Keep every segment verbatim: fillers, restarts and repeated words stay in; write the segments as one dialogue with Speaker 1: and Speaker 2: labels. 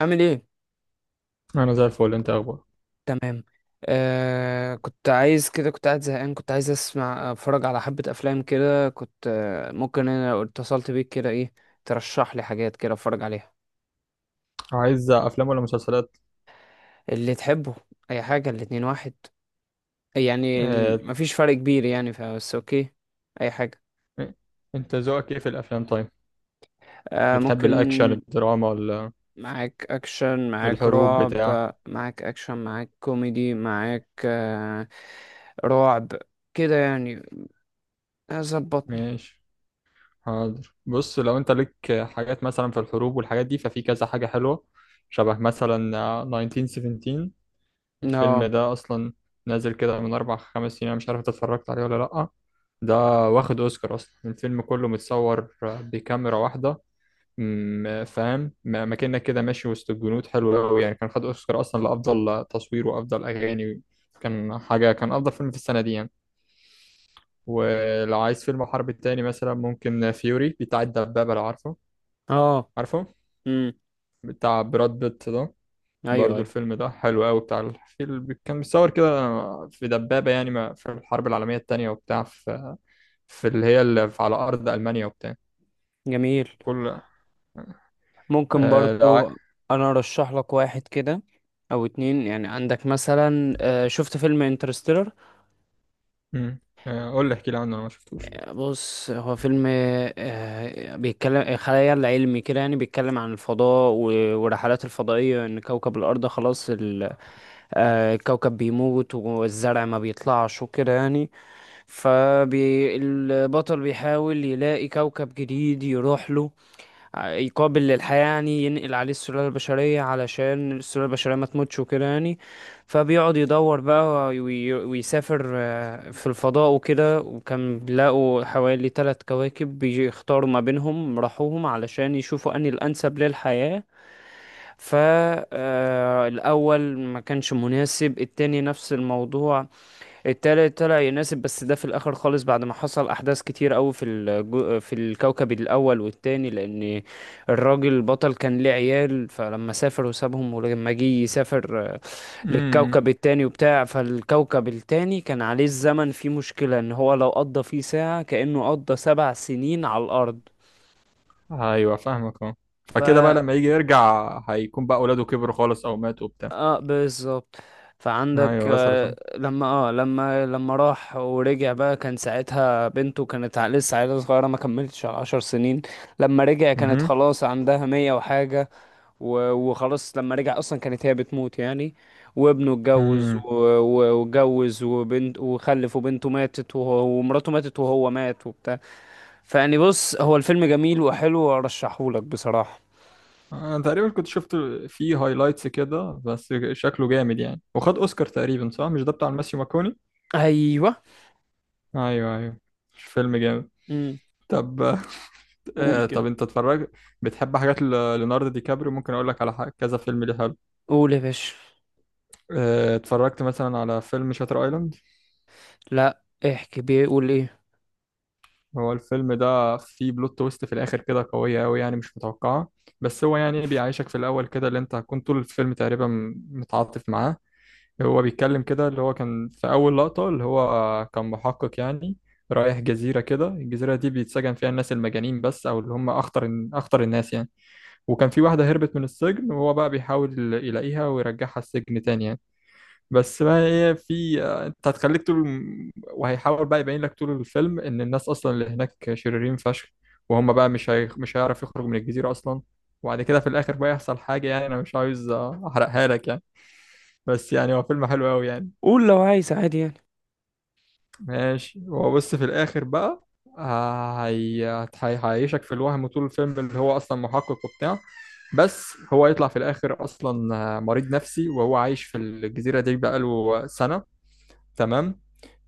Speaker 1: عامل ايه؟
Speaker 2: انا زي الفل. انت اخبار؟
Speaker 1: تمام. آه كنت عايز كده، كنت قاعد زهقان، كنت عايز اسمع، اتفرج على حبة افلام كده، كنت آه ممكن انا لو اتصلت بيك كده ايه، ترشح لي حاجات كده اتفرج عليها.
Speaker 2: عايز افلام ولا مسلسلات؟
Speaker 1: اللي تحبه. اي حاجة، الاتنين واحد يعني.
Speaker 2: آه...
Speaker 1: ال- مفيش فرق كبير يعني، فبس اوكي. اي حاجة.
Speaker 2: انت ذوقك ايه في الافلام طيب؟
Speaker 1: آه
Speaker 2: بتحب
Speaker 1: ممكن.
Speaker 2: الاكشن، الدراما، ولا
Speaker 1: معاك اكشن، معاك
Speaker 2: الحروب
Speaker 1: رعب،
Speaker 2: بتاع؟
Speaker 1: معاك اكشن، معاك كوميدي، معاك آه رعب كده يعني. ظبطني.
Speaker 2: ماشي. حاضر. بص، لو انت ليك حاجات مثلا في الحروب والحاجات دي، ففي كذا حاجة حلوة. شبه مثلا آه، ألف وتسعمية وسبعتاشر. الفيلم
Speaker 1: اه
Speaker 2: ده اصلا نازل كده من اربع خمس سنين، انا مش عارف إنت اتفرجت عليه ولا لأ. ده واخد اوسكار. اصلا الفيلم كله متصور بكاميرا واحدة، م- فاهم؟ م- مكانك كده ماشي وسط الجنود، حلو قوي يعني. كان خد اوسكار اصلا لافضل تصوير وافضل اغاني. كان حاجه، كان افضل فيلم في السنه دي يعني. ولو عايز فيلم حرب تاني مثلا، ممكن فيوري بتاع الدبابه، لو عارفه.
Speaker 1: اه
Speaker 2: عارفه
Speaker 1: امم
Speaker 2: بتاع براد بيت ده؟
Speaker 1: ايوه،
Speaker 2: برضو
Speaker 1: ايوه،
Speaker 2: الفيلم ده حلو قوي. بتاع الفيلم كان متصور كده في دبابه يعني، ما- في الحرب العالميه التانيه، وبتاع في، في اللي هي اللي في- على ارض المانيا وبتاع
Speaker 1: جميل،
Speaker 2: كل.
Speaker 1: ممكن
Speaker 2: آه لو عاي-
Speaker 1: برضو. انا ارشح لك واحد كده او اتنين يعني. عندك مثلا آه، شفت فيلم انترستيلر؟
Speaker 2: م. آه، قول لي، احكي لي عنه، انا ما شفتوش.
Speaker 1: بص، هو فيلم آه، بيتكلم خيال علمي كده يعني، بيتكلم عن الفضاء و- والرحلات الفضائية، ان كوكب الارض خلاص ال- آه، الكوكب بيموت والزرع ما بيطلعش وكده يعني. فالبطل بيحاول يلاقي كوكب جديد يروح له، يقابل للحياة يعني، ينقل عليه السلالة البشرية علشان السلالة البشرية ما تموتش وكده يعني. فبيقعد يدور بقى وي- ويسافر آه، في الفضاء وكده، وكان بيلاقوا حوالي ثلاث كواكب بيختاروا ما بينهم، راحوهم علشان يشوفوا أنهي الأنسب للحياة. فالأول ما كانش مناسب، التاني نفس الموضوع، التالت طلع يناسب، بس ده في الاخر خالص بعد ما حصل احداث كتير قوي في الجو... في الكوكب الاول والتاني، لان الراجل البطل كان ليه عيال، فلما سافر وسابهم، ولما جه يسافر
Speaker 2: مم.
Speaker 1: للكوكب التاني وبتاع، فالكوكب التاني كان عليه الزمن فيه مشكلة، ان هو لو قضى فيه ساعة كأنه قضى سبع سنين على الارض.
Speaker 2: ايوه فاهمك. اه، فكده بقى لما يجي يرجع هيكون بقى اولاده كبروا خالص او ماتوا وبتاع.
Speaker 1: اه بالظبط. فعندك
Speaker 2: ايوه وصلت.
Speaker 1: آه،
Speaker 2: اه.
Speaker 1: لما اه لما لما راح ورجع بقى، كان ساعتها بنته كانت ع- لسه عيلة صغيرة ما كملتش عشر سنين. لما رجع كانت
Speaker 2: مهم.
Speaker 1: خلاص عندها مية وحاجة. و- وخلاص لما رجع أصلا كانت هي بتموت يعني. وابنه اتجوز
Speaker 2: مم.
Speaker 1: و- و- واتجوز وبنت وخلف، وبنته ماتت، وهو- ومراته ماتت، وهو مات وبتاع. فيعني بص، هو الفيلم جميل وحلو وأرشحهولك بصراحة.
Speaker 2: انا تقريبا كنت شفت فيه هايلايتس كده، بس شكله جامد يعني. وخد اوسكار تقريبا، صح؟ مش ده بتاع الماسيو ماكوني؟
Speaker 1: أيوه،
Speaker 2: ايوه ايوه. مش فيلم جامد؟
Speaker 1: امم،
Speaker 2: طب،
Speaker 1: قول
Speaker 2: آه طب
Speaker 1: كده.
Speaker 2: انت اتفرجت؟ بتحب حاجات ل- ليوناردو دي كابريو؟ ممكن اقول لك على حاجة، كذا فيلم ليه حلو.
Speaker 1: قول يا باشا.
Speaker 2: آه اتفرجت مثلا على فيلم شاتر ايلاند؟
Speaker 1: لا احكي بيه، قول ايه.
Speaker 2: هو الفيلم ده فيه بلوت تويست في الاخر كده قويه قوي يعني، مش متوقعه. بس هو يعني بيعيشك في الاول كده. اللي انت هتكون طول الفيلم تقريبا متعاطف معاه. هو بيتكلم كده، اللي هو كان في اول لقطه، اللي هو كان محقق يعني، رايح جزيره كده. الجزيره دي بيتسجن فيها الناس المجانين بس، او اللي هم اخطر اخطر الناس يعني. وكان في واحده هربت من السجن، وهو بقى بيحاول يلاقيها ويرجعها السجن تاني يعني. بس بقى، هي في انت هتخليك طول. وهيحاول بقى يبين لك طول الفيلم ان الناس اصلا اللي هناك شريرين فشخ، وهم بقى مش هي... مش هيعرف يخرج من الجزيرة اصلا. وبعد كده في الاخر بقى يحصل حاجة، يعني انا مش عاوز احرقها لك يعني. بس يعني هو فيلم حلو قوي يعني.
Speaker 1: قول لو عايز عادي يعني.
Speaker 2: ماشي. هو بص في الاخر بقى، آه، هي... هي... هيعيشك في الوهم طول الفيلم اللي هو اصلا محقق وبتاع. بس هو يطلع في الاخر اصلا مريض نفسي، وهو عايش في الجزيرة دي بقاله سنة. تمام.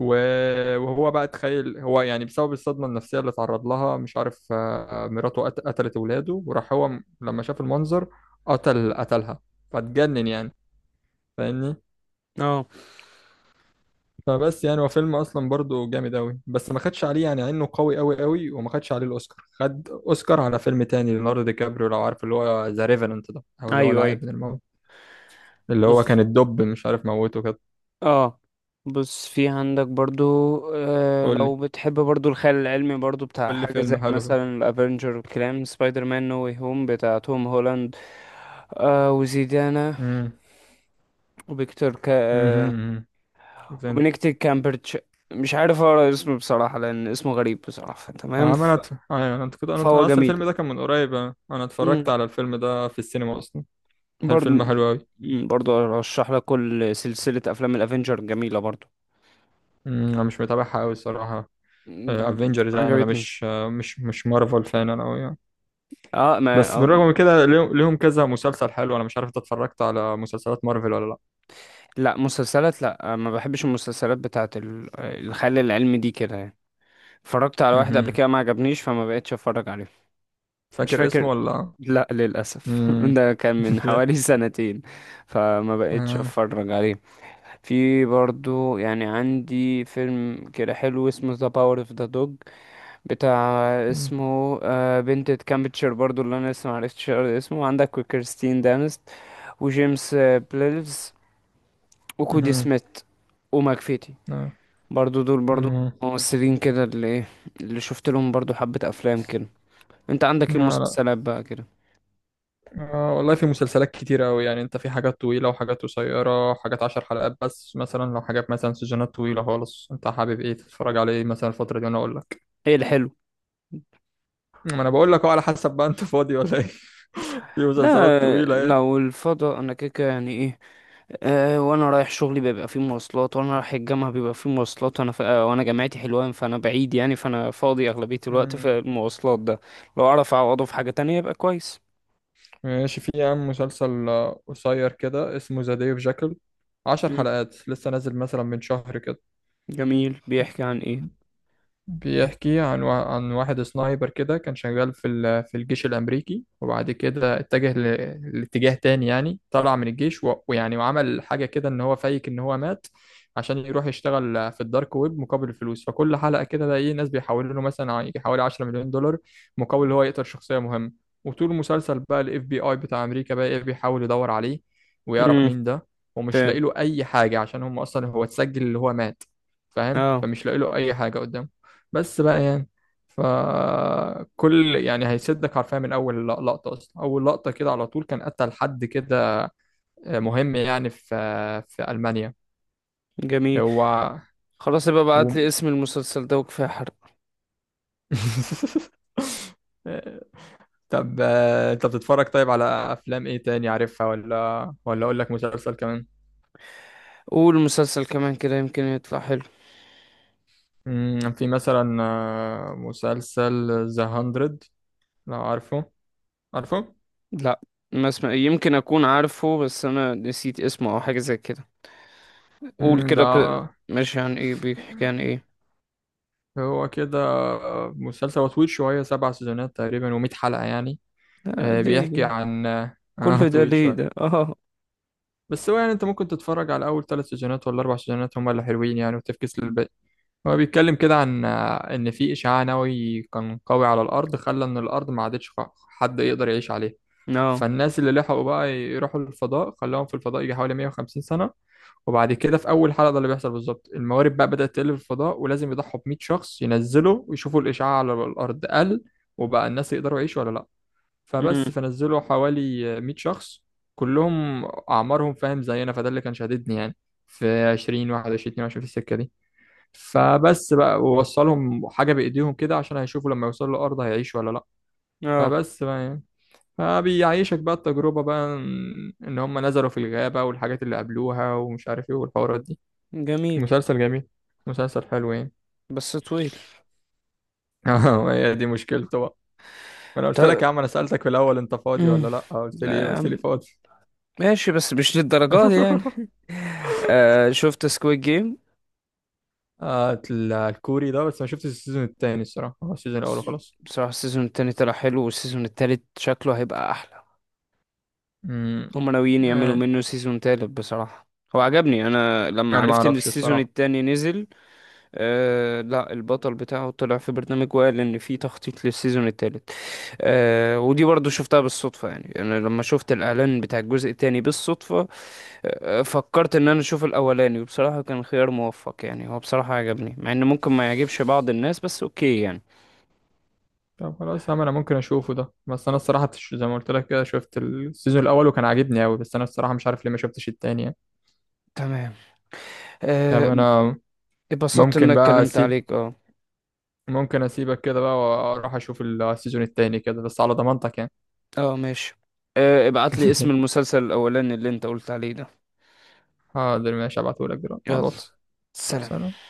Speaker 2: و- وهو بقى تخيل هو يعني، بسبب الصدمة النفسية اللي اتعرض لها، مش عارف، آه، مراته قت- قتلت ولاده، وراح هو م- لما شاف المنظر قتل قتلها. فاتجنن يعني. فاهمني؟
Speaker 1: اه،
Speaker 2: فبس يعني هو فيلم اصلا برضه جامد قوي، بس ما خدش عليه يعني عينه قوي قوي قوي. وما خدش عليه الاوسكار. خد اوسكار على فيلم تاني ليوناردو دي كابريو، لو عارف، اللي هو ذا ريفننت ده، او اللي هو
Speaker 1: ايوه، ايوه،
Speaker 2: العائد من الموت، اللي هو
Speaker 1: بص.
Speaker 2: كان الدب مش عارف موته كده.
Speaker 1: اه بص، في عندك برضو آه
Speaker 2: قول لي،
Speaker 1: لو بتحب برضو الخيال العلمي، برضو بتاع
Speaker 2: قول لي
Speaker 1: حاجة زي
Speaker 2: فيلم حلو كده.
Speaker 1: مثلا الافنجر والكلام، سبايدر مان نو واي هوم بتاع توم هولاند، آه وزيدانا،
Speaker 2: امم
Speaker 1: وفيكتور كا، آه
Speaker 2: امم
Speaker 1: وبنكتب كامبرتش. مش عارف اقرا اسمه بصراحة لان اسمه غريب بصراحة. تمام، ف-
Speaker 2: عملت ايوه انت كده؟ انا
Speaker 1: فهو
Speaker 2: أنا اصلا
Speaker 1: جميل
Speaker 2: الفيلم ده كان من قريب. انا أنا اتفرجت على الفيلم ده في السينما اصلا. هل
Speaker 1: برضه.
Speaker 2: فيلم حلو قوي؟
Speaker 1: مم، برضه ارشح لك كل سلسلة افلام الافينجر جميلة برضه.
Speaker 2: انا مش متابعها قوي الصراحه.
Speaker 1: مم،
Speaker 2: افنجرز يعني، انا
Speaker 1: عجبتني.
Speaker 2: مش آه، مش مش مارفل فان انا قوي يعني.
Speaker 1: اه، ما،
Speaker 2: بس
Speaker 1: آه
Speaker 2: بالرغم من كده ليهم ليهم كذا مسلسل حلو. انا مش عارف انت اتفرجت على مسلسلات مارفل ولا لا؟
Speaker 1: لا، مسلسلات لا، آه، ما بحبش المسلسلات بتاعت ال- آه، الخيال العلمي دي كده يعني. اتفرجت على واحد قبل
Speaker 2: مهم.
Speaker 1: كده ما عجبنيش فما بقتش اتفرج عليه. مش
Speaker 2: فاكر
Speaker 1: فاكر،
Speaker 2: اسمه ولا لأ؟
Speaker 1: لا للاسف
Speaker 2: مم.
Speaker 1: ده كان من حوالي سنتين، فما بقتش
Speaker 2: آه.
Speaker 1: اتفرج عليه. في برضه يعني عندي فيلم كده حلو اسمه ذا باور اوف ذا دوج بتاع.
Speaker 2: مم.
Speaker 1: اسمه آه، بنت كامبتشر برضو اللي انا لسه معرفتش اقرا اسمه عندك، وكريستين دانست، وجيمس آه، بليلز، وكودي
Speaker 2: مهم.
Speaker 1: سميث، وماكفيتي.
Speaker 2: آه.
Speaker 1: برضو دول برضو
Speaker 2: مم.
Speaker 1: ممثلين كده اللي ايه، اللي شفت لهم برضو حبة افلام كده. انت عندك ايه
Speaker 2: لا.
Speaker 1: مسلسلات بقى كده؟
Speaker 2: آه والله في مسلسلات كتيرة أوي يعني. أنت في حاجات طويلة وحاجات قصيرة، حاجات عشر حلقات بس مثلا. لو حاجات مثلا سيزونات طويلة خالص، أنت حابب إيه تتفرج على إيه مثلا الفترة دي وأنا أقول لك.
Speaker 1: ايه الحلو؟
Speaker 2: ما أنا بقول لك أهو على حسب بقى، أنت فاضي ولا إيه؟ في
Speaker 1: لا
Speaker 2: مسلسلات
Speaker 1: آه،
Speaker 2: طويلة إيه.
Speaker 1: لو الفضاء انا كده كده يعني ايه، أه، وانا رايح شغلي بيبقى فيه مواصلات، وانا رايح الجامعه بيبقى فيه مواصلات، وانا ف... آه، وانا جامعتي حلوان فانا بعيد يعني، فانا فاضي اغلبيه الوقت
Speaker 2: مم.
Speaker 1: في المواصلات ده. لو اعرف اعوضه في حاجه تانية يبقى كويس.
Speaker 2: ماشي. في يا عم مسلسل آه، قصير كده اسمه ذا ديف جاكل. عشر
Speaker 1: مم.
Speaker 2: حلقات لسه نازل مثلا من شهر كده.
Speaker 1: جميل، بيحكي عن ايه؟
Speaker 2: بيحكي عن وا- عن واحد سنايبر كده كان شغال في ال- في الجيش الأمريكي. وبعد كده اتجه ل- لاتجاه تاني يعني، طلع من الجيش، و- ويعني وعمل حاجة كده إن هو فايك إن هو مات، عشان يروح يشتغل في الدارك ويب مقابل الفلوس. فكل حلقة كده الاقي ناس بيحولوا له مثلا ع- يجي حوالي عشرة مليون دولار مليون دولار مقابل إن هو يقتل شخصية مهمة. وطول المسلسل بقى الاف بي اي بتاع أمريكا بقى ايه بيحاول يدور عليه ويعرف
Speaker 1: امم،
Speaker 2: مين ده، ومش لاقي
Speaker 1: فاهم.
Speaker 2: له أي حاجة عشان هم أصلا هو اتسجل اللي هو مات. فاهم؟
Speaker 1: اه،
Speaker 2: فمش لاقي له أي حاجة قدامه، بس بقى يعني. فكل يعني هيشدك حرفيا من اول لقطه. اصلا اول لقطه كده على طول كان قتل حد كده مهم يعني في في المانيا.
Speaker 1: جميل.
Speaker 2: هو
Speaker 1: خلاص يبقى ابعت
Speaker 2: و...
Speaker 1: لي اسم المسلسل ده، وكفايه حرق.
Speaker 2: طب، آه، انت بتتفرج طيب على افلام ايه تاني عارفها؟ ولا ولا اقول لك مسلسل كمان؟
Speaker 1: قول مسلسل كمان كده، يمكن يطلع حلو.
Speaker 2: مم، في مثلا آه، مسلسل ذا هاندرد، لو عارفه. عارفه؟
Speaker 1: لا، ما اسمع يمكن اكون عارفه، بس انا نسيت اسمه او حاجه زي كده. قول
Speaker 2: مم، ده
Speaker 1: كده كده ماشي، عن ايه؟ بيحكي عن ايه؟
Speaker 2: هو كده مسلسل، هو طويل شوية. سبع سيزونات تقريبا ومية حلقة يعني.
Speaker 1: آه
Speaker 2: آه،
Speaker 1: ليه
Speaker 2: بيحكي
Speaker 1: ليه؟
Speaker 2: عن آه آه،
Speaker 1: كل ده
Speaker 2: طويل
Speaker 1: ليه
Speaker 2: شوية.
Speaker 1: ده؟ اه،
Speaker 2: بس هو يعني انت ممكن تتفرج على أول ثلاث سيزونات ولا أربع سيزونات، هما اللي حلوين يعني، وتفكس للباقي. هو بيتكلم كده عن آه، إن في إشعاع نووي كان قوي على الأرض، خلى إن الأرض ما عادتش خ- حد يقدر يعيش عليها.
Speaker 1: اه،
Speaker 2: فالناس اللي لحقوا بقى يروحوا للفضاء، خلاهم في الفضاء يجي حوالي 150 سنة. وبعد كده في اول حلقه ده اللي بيحصل بالظبط، الموارد بقى بدات تقل في الفضاء ولازم يضحوا ب 100 شخص ينزلوا ويشوفوا الاشعاع على الارض قل، وبقى الناس يقدروا يعيشوا ولا لا. فبس،
Speaker 1: امم،
Speaker 2: فنزلوا حوالي 100 شخص كلهم اعمارهم فاهم زينا، فده اللي كان شاددني يعني. في عشرين واحد وعشرين اتنين وعشرين في السكه دي. فبس بقى، ووصلهم حاجه بايديهم كده عشان هيشوفوا لما يوصلوا الارض هيعيشوا ولا لا.
Speaker 1: اه
Speaker 2: فبس بقى يعني. فبيعيشك بقى التجربه بقى، ان إن هم نزلوا في الغابه والحاجات اللي قابلوها ومش عارف ايه والحوارات دي.
Speaker 1: جميل
Speaker 2: مسلسل جميل. مسلسل حلو يعني.
Speaker 1: بس طويل.
Speaker 2: اه، هي دي مشكلته بقى. ما انا قلت لك
Speaker 1: طب.
Speaker 2: يا عم، انا سألتك في الاول انت فاضي
Speaker 1: امم.
Speaker 2: ولا لا، آه، قلت لي ايه؟ قلت
Speaker 1: آم،
Speaker 2: لي فاضي.
Speaker 1: ماشي بس مش للدرجة دي يعني. آه شفت سكويد جيم؟
Speaker 2: آه، ال- الكوري ده، بس ما شفتش السيزون التاني الصراحة. هو السيزون الاول وخلاص.
Speaker 1: بصراحة السيزون التاني طلع حلو، والسيزون التالت شكله هيبقى أحلى.
Speaker 2: امم
Speaker 1: هما ناويين يعملوا
Speaker 2: آه.
Speaker 1: منه سيزون تالت بصراحة. هو عجبني، أنا لما
Speaker 2: انا ما
Speaker 1: عرفت إن
Speaker 2: اعرفش
Speaker 1: السيزون
Speaker 2: الصراحة.
Speaker 1: التاني نزل. آه لا، البطل بتاعه طلع في برنامج وقال ان في تخطيط للسيزون الثالث. آه ودي برضو شفتها بالصدفة يعني، انا لما شفت الاعلان بتاع الجزء الثاني بالصدفة، آه فكرت ان انا اشوف الاولاني، وبصراحة كان خيار موفق يعني، هو بصراحة عجبني مع ان ممكن ما يعجبش بعض الناس بس اوكي يعني.
Speaker 2: طب خلاص يا عم، انا ممكن اشوفه ده. بس انا الصراحة تش- زي ما قلت لك كده، شفت السيزون الاول وكان عاجبني قوي. بس انا الصراحة مش عارف ليه ما شفتش التاني يعني.
Speaker 1: تمام،
Speaker 2: طب،
Speaker 1: آه،
Speaker 2: انا
Speaker 1: اتبسطت ان انا
Speaker 2: ممكن بقى
Speaker 1: اتكلمت
Speaker 2: اسيب
Speaker 1: عليك، اه.
Speaker 2: ممكن اسيبك كده بقى واروح اشوف السيزون التاني كده، بس على ضمانتك يعني.
Speaker 1: اه ماشي. آه ابعت لي اسم المسلسل الاولاني اللي انت قلت عليه ده.
Speaker 2: حاضر ماشي، هبعتهولك دلوقتي على
Speaker 1: يلا،
Speaker 2: الواتس.
Speaker 1: سلام.
Speaker 2: سلام.